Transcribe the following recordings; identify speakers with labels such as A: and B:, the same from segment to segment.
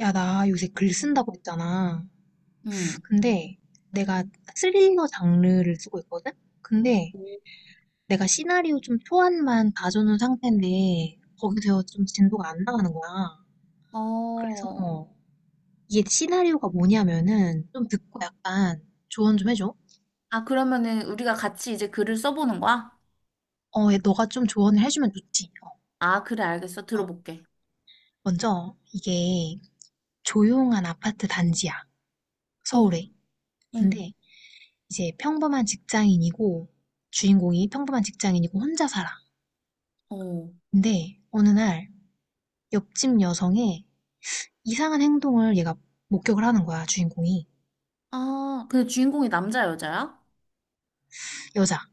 A: 야, 나 요새 글 쓴다고 했잖아.
B: 응.
A: 근데 내가 스릴러 장르를 쓰고 있거든? 근데 내가 시나리오 좀 초안만 봐주는 상태인데 거기서 좀 진도가 안 나가는 거야.
B: 어.
A: 그래서 이게 시나리오가 뭐냐면은 좀 듣고 약간 조언 좀 해줘.
B: 아, 그러면은 우리가 같이 이제 글을 써보는 거야?
A: 얘 너가 좀 조언을 해주면 좋지.
B: 아, 그래, 알겠어. 들어볼게.
A: 먼저 이게 조용한 아파트 단지야.
B: 어,
A: 서울에. 근데
B: 응,
A: 이제 평범한 직장인이고 주인공이 평범한 직장인이고 혼자 살아.
B: 어.
A: 근데 어느 날 옆집 여성의 이상한 행동을 얘가 목격을 하는 거야, 주인공이.
B: 아, 근데 주인공이 남자, 여자야?
A: 여자.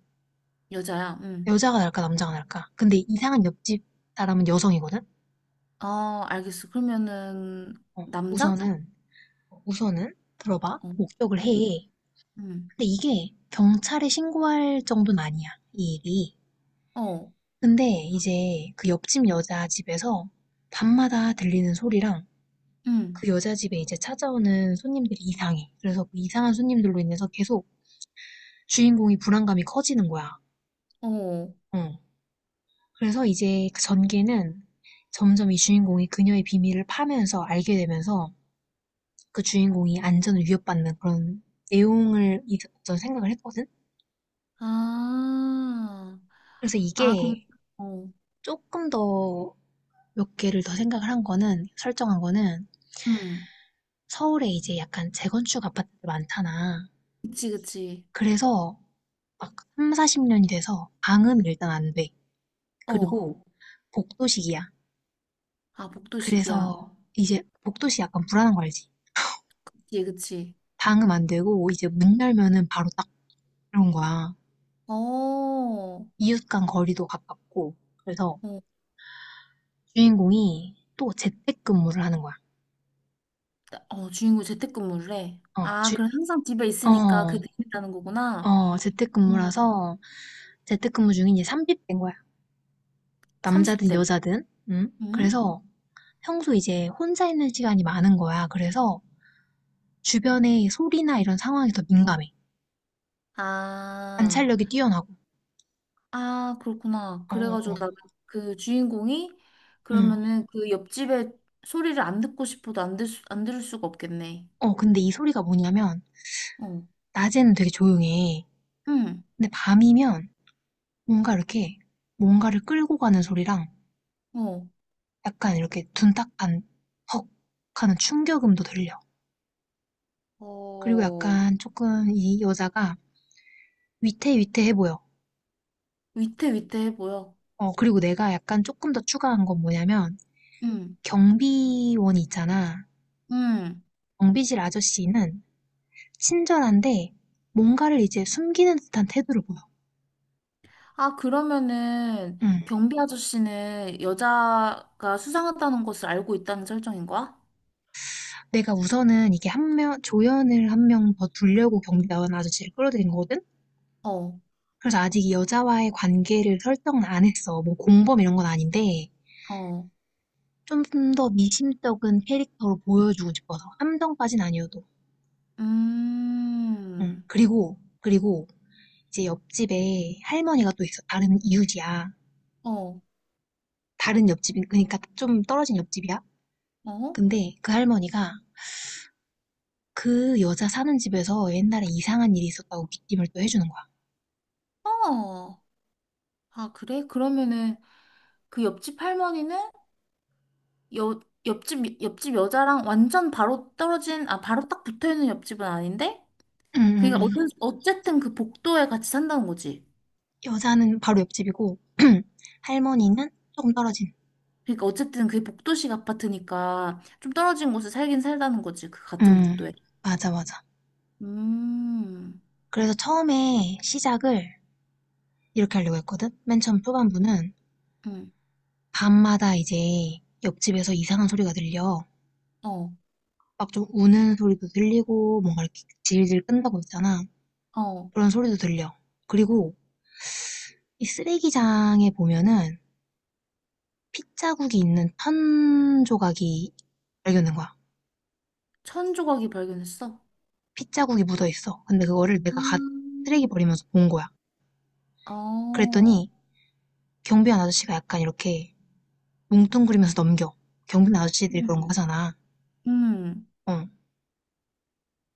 B: 여자야, 응.
A: 여자가 날까, 남자가 날까. 근데 이상한 옆집 사람은 여성이거든?
B: 아, 알겠어. 그러면은, 남자?
A: 우선은, 우선은, 들어봐.
B: 어,
A: 목격을
B: 응,
A: 해.
B: 응,
A: 근데 이게 경찰에 신고할 정도는 아니야, 이 일이.
B: 어,
A: 근데 이제 그 옆집 여자 집에서 밤마다 들리는 소리랑
B: 응,
A: 그 여자 집에 이제 찾아오는 손님들이 이상해. 그래서 그 이상한 손님들로 인해서 계속 주인공이 불안감이 커지는 거야.
B: 어.
A: 어. 그래서 이제 그 전개는 점점 이 주인공이 그녀의 비밀을 파면서 알게 되면서 그 주인공이 안전을 위협받는 그런 내용을 저는 생각을 했거든.
B: 아,
A: 그래서
B: 아, 그럼,
A: 이게
B: 어,
A: 조금 더 몇 개를 더 생각을 한 거는 설정한 거는
B: 응.
A: 서울에 이제 약간 재건축 아파트들 많잖아.
B: 그치, 그치.
A: 그래서 막삼 40년이 돼서 방은 일단 안 돼.
B: 어.
A: 그리고 복도식이야.
B: 아, 복도식이야.
A: 그래서 이제 복도식 약간 불안한 거 알지?
B: 그치, 그치.
A: 방음 안 되고 이제 문 열면은 바로 딱 그런 거야.
B: 어,
A: 이웃 간 거리도 가깝고. 그래서
B: 어.
A: 주인공이 또 재택근무를 하는 거야.
B: 어, 주인공 재택근무를 해.
A: 어,
B: 아,
A: 주,
B: 그럼 항상 집에 있으니까
A: 어,
B: 그게 있다는 거구나. 음,
A: 재택근무라서 재택근무 중에 이제 삼비된 거야. 남자든
B: 30대.
A: 여자든. 응?
B: 음?
A: 그래서 평소 이제 혼자 있는 시간이 많은 거야. 그래서 주변의 소리나 이런 상황이 더 민감해.
B: 아,
A: 관찰력이 뛰어나고.
B: 아, 그렇구나.
A: 어, 어,
B: 그래가지고
A: 어.
B: 나 그 주인공이
A: 응.
B: 그러면은 그 옆집에 소리를 안 듣고 싶어도 안 들, 수, 안 들을 수가 없겠네.
A: 근데 이 소리가 뭐냐면
B: 어,
A: 낮에는 되게 조용해.
B: 응,
A: 근데 밤이면 뭔가 이렇게 뭔가를 끌고 가는 소리랑
B: 어,
A: 약간 이렇게 둔탁한 헉 하는 충격음도 들려. 그리고
B: 어,
A: 약간 조금 이 여자가 위태위태해 보여.
B: 위태위태해 보여.
A: 어, 그리고 내가 약간 조금 더 추가한 건 뭐냐면
B: 응,
A: 경비원이 있잖아.
B: 응.
A: 경비실 아저씨는 친절한데 뭔가를 이제 숨기는 듯한 태도를 보여.
B: 아, 그러면은
A: 음.
B: 경비 아저씨는 여자가 수상하다는 것을 알고 있다는 설정인 거야?
A: 내가 우선은 이게 한 명, 조연을 한 명 더 두려고 경비원 아저씨를 끌어들인 거거든?
B: 어,
A: 그래서 아직 이 여자와의 관계를 설정은 안 했어. 뭐 공범 이런 건 아닌데,
B: 어,
A: 좀 더 미심쩍은 캐릭터로 보여주고 싶어서. 함정까진 아니어도. 응.
B: 음,
A: 그리고 이제 옆집에 할머니가 또 있어. 다른 이웃이야.
B: 어,
A: 다른 옆집, 그러니까 좀 떨어진 옆집이야.
B: 어?
A: 근데 그 할머니가 그 여자 사는 집에서 옛날에 이상한 일이 있었다고 귀띔을 또 해주는 거야.
B: 어. 아, 그래? 그러면은 그 옆집 할머니는 여, 옆집 여자랑 완전 바로 떨어진, 아, 바로 딱 붙어 있는 옆집은 아닌데?
A: 응, 응,
B: 그니까, 어
A: 응.
B: 어쨌든 그 복도에 같이 산다는 거지.
A: 여자는 바로 옆집이고, 할머니는 조금 떨어진.
B: 그니까, 어쨌든 그게 복도식 아파트니까 좀 떨어진 곳에 살긴 살다는 거지. 그 같은
A: 응,
B: 복도에.
A: 맞아, 맞아.
B: 음,
A: 그래서 처음에 시작을 이렇게 하려고 했거든? 맨 처음 초반부는
B: 음,
A: 밤마다 이제 옆집에서 이상한 소리가 들려.
B: 어.
A: 막 좀 우는 소리도 들리고 뭔가 이렇게 질질 끈다고 했잖아.
B: 어.
A: 그런 소리도 들려. 그리고 이 쓰레기장에 보면은 핏자국이 있는 천 조각이 발견된 거야.
B: 천 조각이 발견했어.
A: 핏자국이 묻어 있어. 근데 그거를 내가 갓 쓰레기
B: 음,
A: 버리면서 본 거야.
B: 어.
A: 그랬더니 경비원 아저씨가 약간 이렇게 뭉뚱그리면서 넘겨. 경비원 아저씨들이 그런 거
B: 음,
A: 하잖아.
B: 음,
A: 어.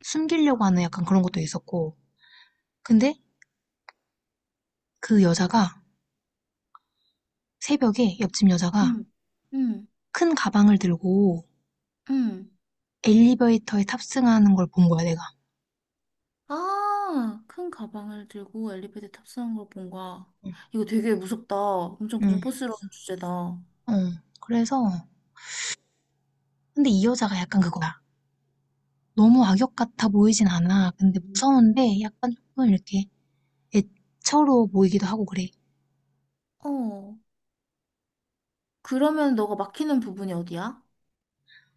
A: 숨기려고 하는 약간 그런 것도 있었고. 근데 그 여자가 새벽에 옆집 여자가
B: 응, 음,
A: 큰 가방을 들고
B: 음.
A: 엘리베이터에 탑승하는 걸 본 거야, 내가.
B: 아, 큰 가방을 들고 엘리베이터 탑승한 걸 본 거야.
A: 응,
B: 이거 되게 무섭다. 엄청
A: 응.
B: 공포스러운 주제다. 어,
A: 어. 그래서, 근데 이 여자가 약간 그거야. 너무 악역 같아 보이진 않아. 근데 무서운데 약간 조금 이렇게 애처로 보이기도 하고 그래.
B: 그러면 너가 막히는 부분이 어디야?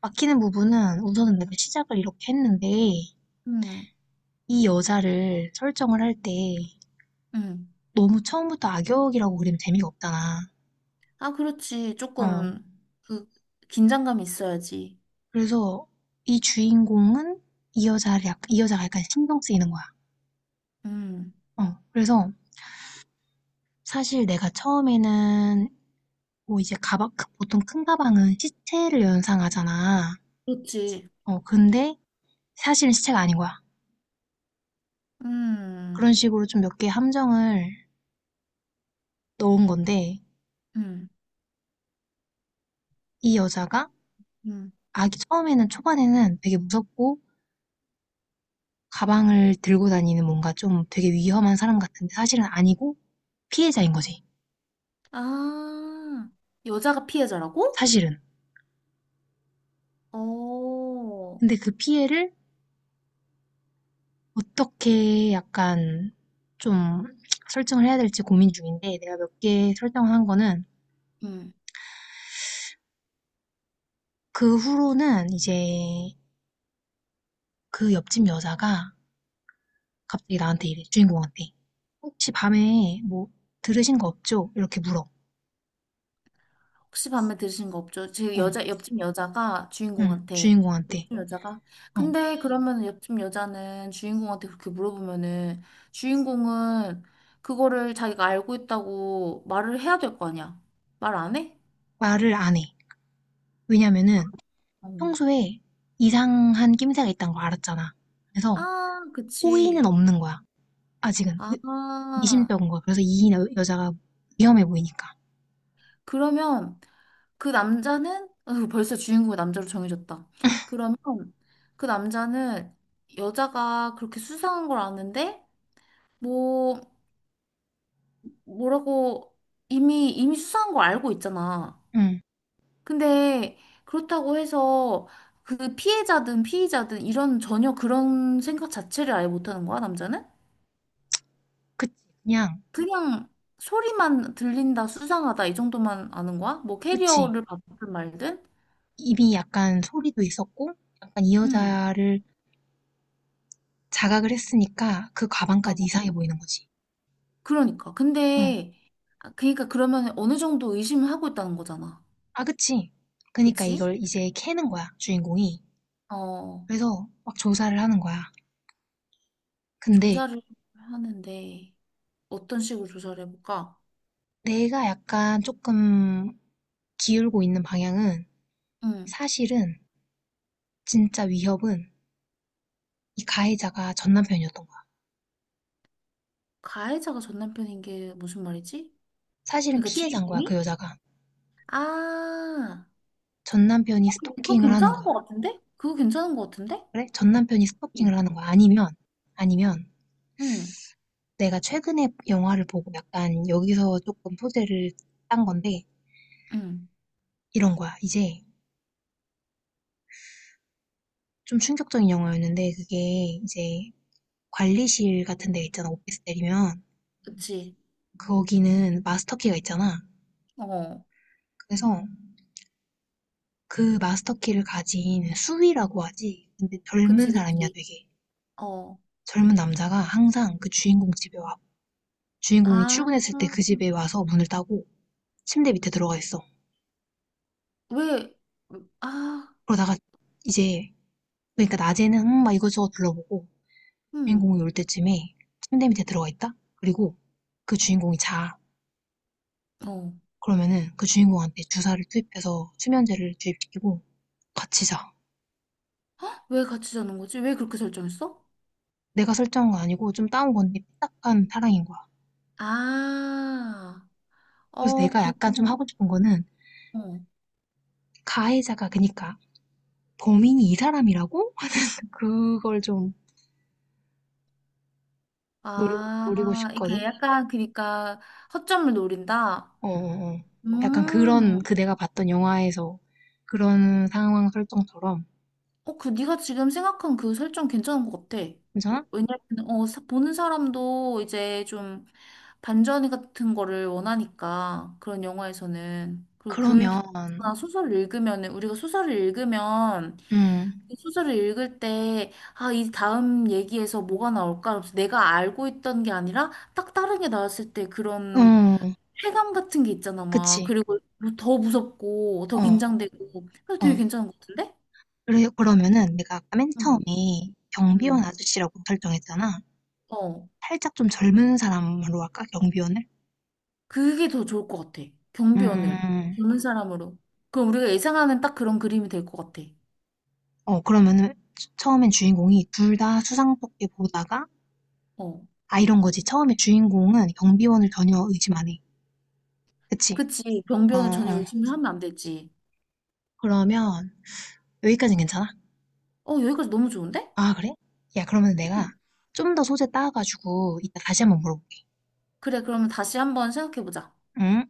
A: 막히는 부분은 우선은 내가 시작을 이렇게 했는데,
B: 음,
A: 이 여자를 설정을 할 때
B: 음.
A: 너무 처음부터 악역이라고 그리면 재미가 없잖아.
B: 아, 그렇지.
A: 어.
B: 조금, 그, 긴장감이 있어야지.
A: 그래서 이 주인공은 이 여자를 약, 이 여자가 약간 신경 쓰이는 거야.
B: 음,
A: 어, 그래서 사실 내가 처음에는 뭐 이제 가방, 크- 보통 큰 가방은 시체를 연상하잖아.
B: 그렇지.
A: 어, 근데 사실은 시체가 아닌 거야.
B: 음,
A: 그런 식으로 좀 몇 개 함정을 넣은 건데,
B: 음,
A: 이 여자가
B: 음.
A: 아기 처음에는 초반에는 되게 무섭고, 가방을 들고 다니는 뭔가 좀 되게 위험한 사람 같은데 사실은 아니고 피해자인 거지.
B: 아, 여자가 피해자라고?
A: 사실은.
B: 어.
A: 근데 그 피해를 어떻게 약간 좀 설정을 해야 될지 고민 중인데 내가 몇 개 설정을 한 거는
B: 음.
A: 그 후로는 이제 그 옆집 여자가 갑자기 나한테 이래, 주인공한테. 혹시 밤에 뭐 들으신 거 없죠? 이렇게 물어. 어,
B: 혹시 밤에 들으신 거 없죠? 제 여자 옆집 여자가
A: 응,
B: 주인공한테
A: 주인공한테.
B: 옆집 여자가
A: 어,
B: 근데 그러면 옆집 여자는 주인공한테 그렇게 물어보면은 주인공은 그거를 자기가 알고 있다고 말을 해야 될 거 아니야? 말 안 해?
A: 말을 안 해.
B: 아,
A: 왜냐면은
B: 어.
A: 평소에 이상한 낌새가 있다는 걸 알았잖아. 그래서
B: 아, 그치.
A: 호의는 없는 거야. 아직은.
B: 아,
A: 미심쩍은 거야. 그래서 이 여- 여자가 위험해 보이니까.
B: 그러면 그 남자는 어, 벌써 주인공이 남자로 정해졌다. 그러면 그 남자는 여자가 그렇게 수상한 걸 아는데 뭐 뭐라고 이미 수사한 거 알고 있잖아.
A: 응,
B: 근데 그렇다고 해서 그 피해자든 피의자든 이런 전혀 그런 생각 자체를 아예 못하는 거야, 남자는?
A: 그치. 그냥,
B: 그냥 소리만 들린다, 수상하다 이 정도만 아는 거야? 뭐
A: 그치.
B: 캐리어를 받든 말든?
A: 입이 약간 소리도 있었고, 약간 이
B: 응
A: 여자를 자각을 했으니까 그 가방까지
B: 어,
A: 이상해 보이는 거지.
B: 그러니까.
A: 응.
B: 근데 아, 그러니까 그러면 어느 정도 의심을 하고 있다는 거잖아.
A: 아, 그치. 그니까 러
B: 그치?
A: 이걸 이제 캐는 거야, 주인공이.
B: 어,
A: 그래서 막 조사를 하는 거야. 근데
B: 조사를 하는데 어떤 식으로 조사를 해볼까?
A: 내가 약간 조금 기울고 있는 방향은
B: 응
A: 사실은 진짜 위협은 이 가해자가 전 남편이었던 거야.
B: 가해자가 전 남편인 게 무슨 말이지?
A: 사실은
B: 그러니까
A: 피해자인 거야, 그
B: 주인공이?
A: 여자가.
B: 아,
A: 전 남편이
B: 그거
A: 스토킹을 하는
B: 괜찮은
A: 거야.
B: 것 같은데? 그거 괜찮은 것 같은데?
A: 그래? 전 남편이
B: 응,
A: 스토킹을 하는 거야. 아니면, 아니면
B: 응,
A: 내가 최근에 영화를 보고 약간 여기서 조금 소재를 딴 건데
B: 응.
A: 이런 거야. 이제 좀 충격적인 영화였는데 그게 이제 관리실 같은 데 있잖아. 오피스 때리면
B: 그치.
A: 거기는 마스터키가 있잖아.
B: 어,
A: 그래서 그 마스터키를 가진 수위라고 하지. 근데 젊은
B: 그치,
A: 사람이야
B: 그치.
A: 되게.
B: 어,
A: 젊은 남자가 항상 그 주인공 집에 와. 주인공이
B: 아,
A: 출근했을 때 그 집에 와서 문을 따고 침대 밑에 들어가 있어.
B: 왜, 아,
A: 그러다가 이제 그러니까 낮에는 막 이것저것 둘러보고
B: 음,
A: 주인공이 올 때쯤에 침대 밑에 들어가 있다. 그리고 그 주인공이 자.
B: 어.
A: 그러면은 그 주인공한테 주사를 투입해서 수면제를 주입시키고 같이 자.
B: 왜 같이 자는 거지? 왜 그렇게 설정했어?
A: 내가 설정한 거 아니고 좀 따온 건데 삐딱한 사랑인 거야.
B: 아,
A: 그래서
B: 어,
A: 내가 약간
B: 그렇구나.
A: 좀 하고 싶은 거는
B: 어.
A: 가해자가 그니까 범인이 이 사람이라고? 그걸 좀 노리고
B: 아, 이게
A: 싶거든.
B: 약간, 그러니까, 허점을 노린다?
A: 어, 어, 어. 약간 그런
B: 음,
A: 그 내가 봤던 영화에서 그런 상황 설정처럼
B: 어, 그 네가 지금 생각한 그 설정 괜찮은 것 같아. 어,
A: 괜찮아?
B: 왜냐면 어, 보는 사람도 이제 좀 반전 같은 거를 원하니까 그런 영화에서는 그리고
A: 그러면
B: 글이나 소설을 읽으면은 우리가 소설을 읽으면
A: 음,
B: 이 소설을 읽을 때 아, 이 다음 얘기에서 뭐가 나올까? 그래서 내가 알고 있던 게 아니라 딱 다른 게 나왔을 때 그런
A: 어,
B: 쾌감 같은 게 있잖아, 막.
A: 그치.
B: 그리고 더 무섭고 더
A: 어,
B: 긴장되고 그래서
A: 어.
B: 되게 괜찮은 것 같은데?
A: 그래, 그러면은 내가 아까 맨
B: 응.
A: 처음에 경비원
B: 응.
A: 아저씨라고 설정했잖아.
B: 어,
A: 살짝 좀 젊은 사람으로 할까? 경비원을?
B: 그게 더 좋을 것 같아. 경비원을
A: 음,
B: 젊은 사람으로. 그럼 우리가 예상하는 딱 그런 그림이 될 것 같아.
A: 그러면은 주- 처음엔 주인공이 둘 다 수상스럽게 보다가,
B: 어,
A: 아, 이런 거지. 처음에 주인공은 경비원을 전혀 의심 안 해. 그치?
B: 그치.
A: 어,
B: 경비원을 전혀
A: 어.
B: 의심을 하면 안 되지.
A: 그러면 여기까지는 괜찮아?
B: 어, 여기까지 너무 좋은데?
A: 아, 그래? 야, 그러면 내가
B: 음.
A: 좀 더 소재 따가지고 이따 다시 한번 물어볼게.
B: 그래, 그러면 다시 한번 생각해보자.
A: 응?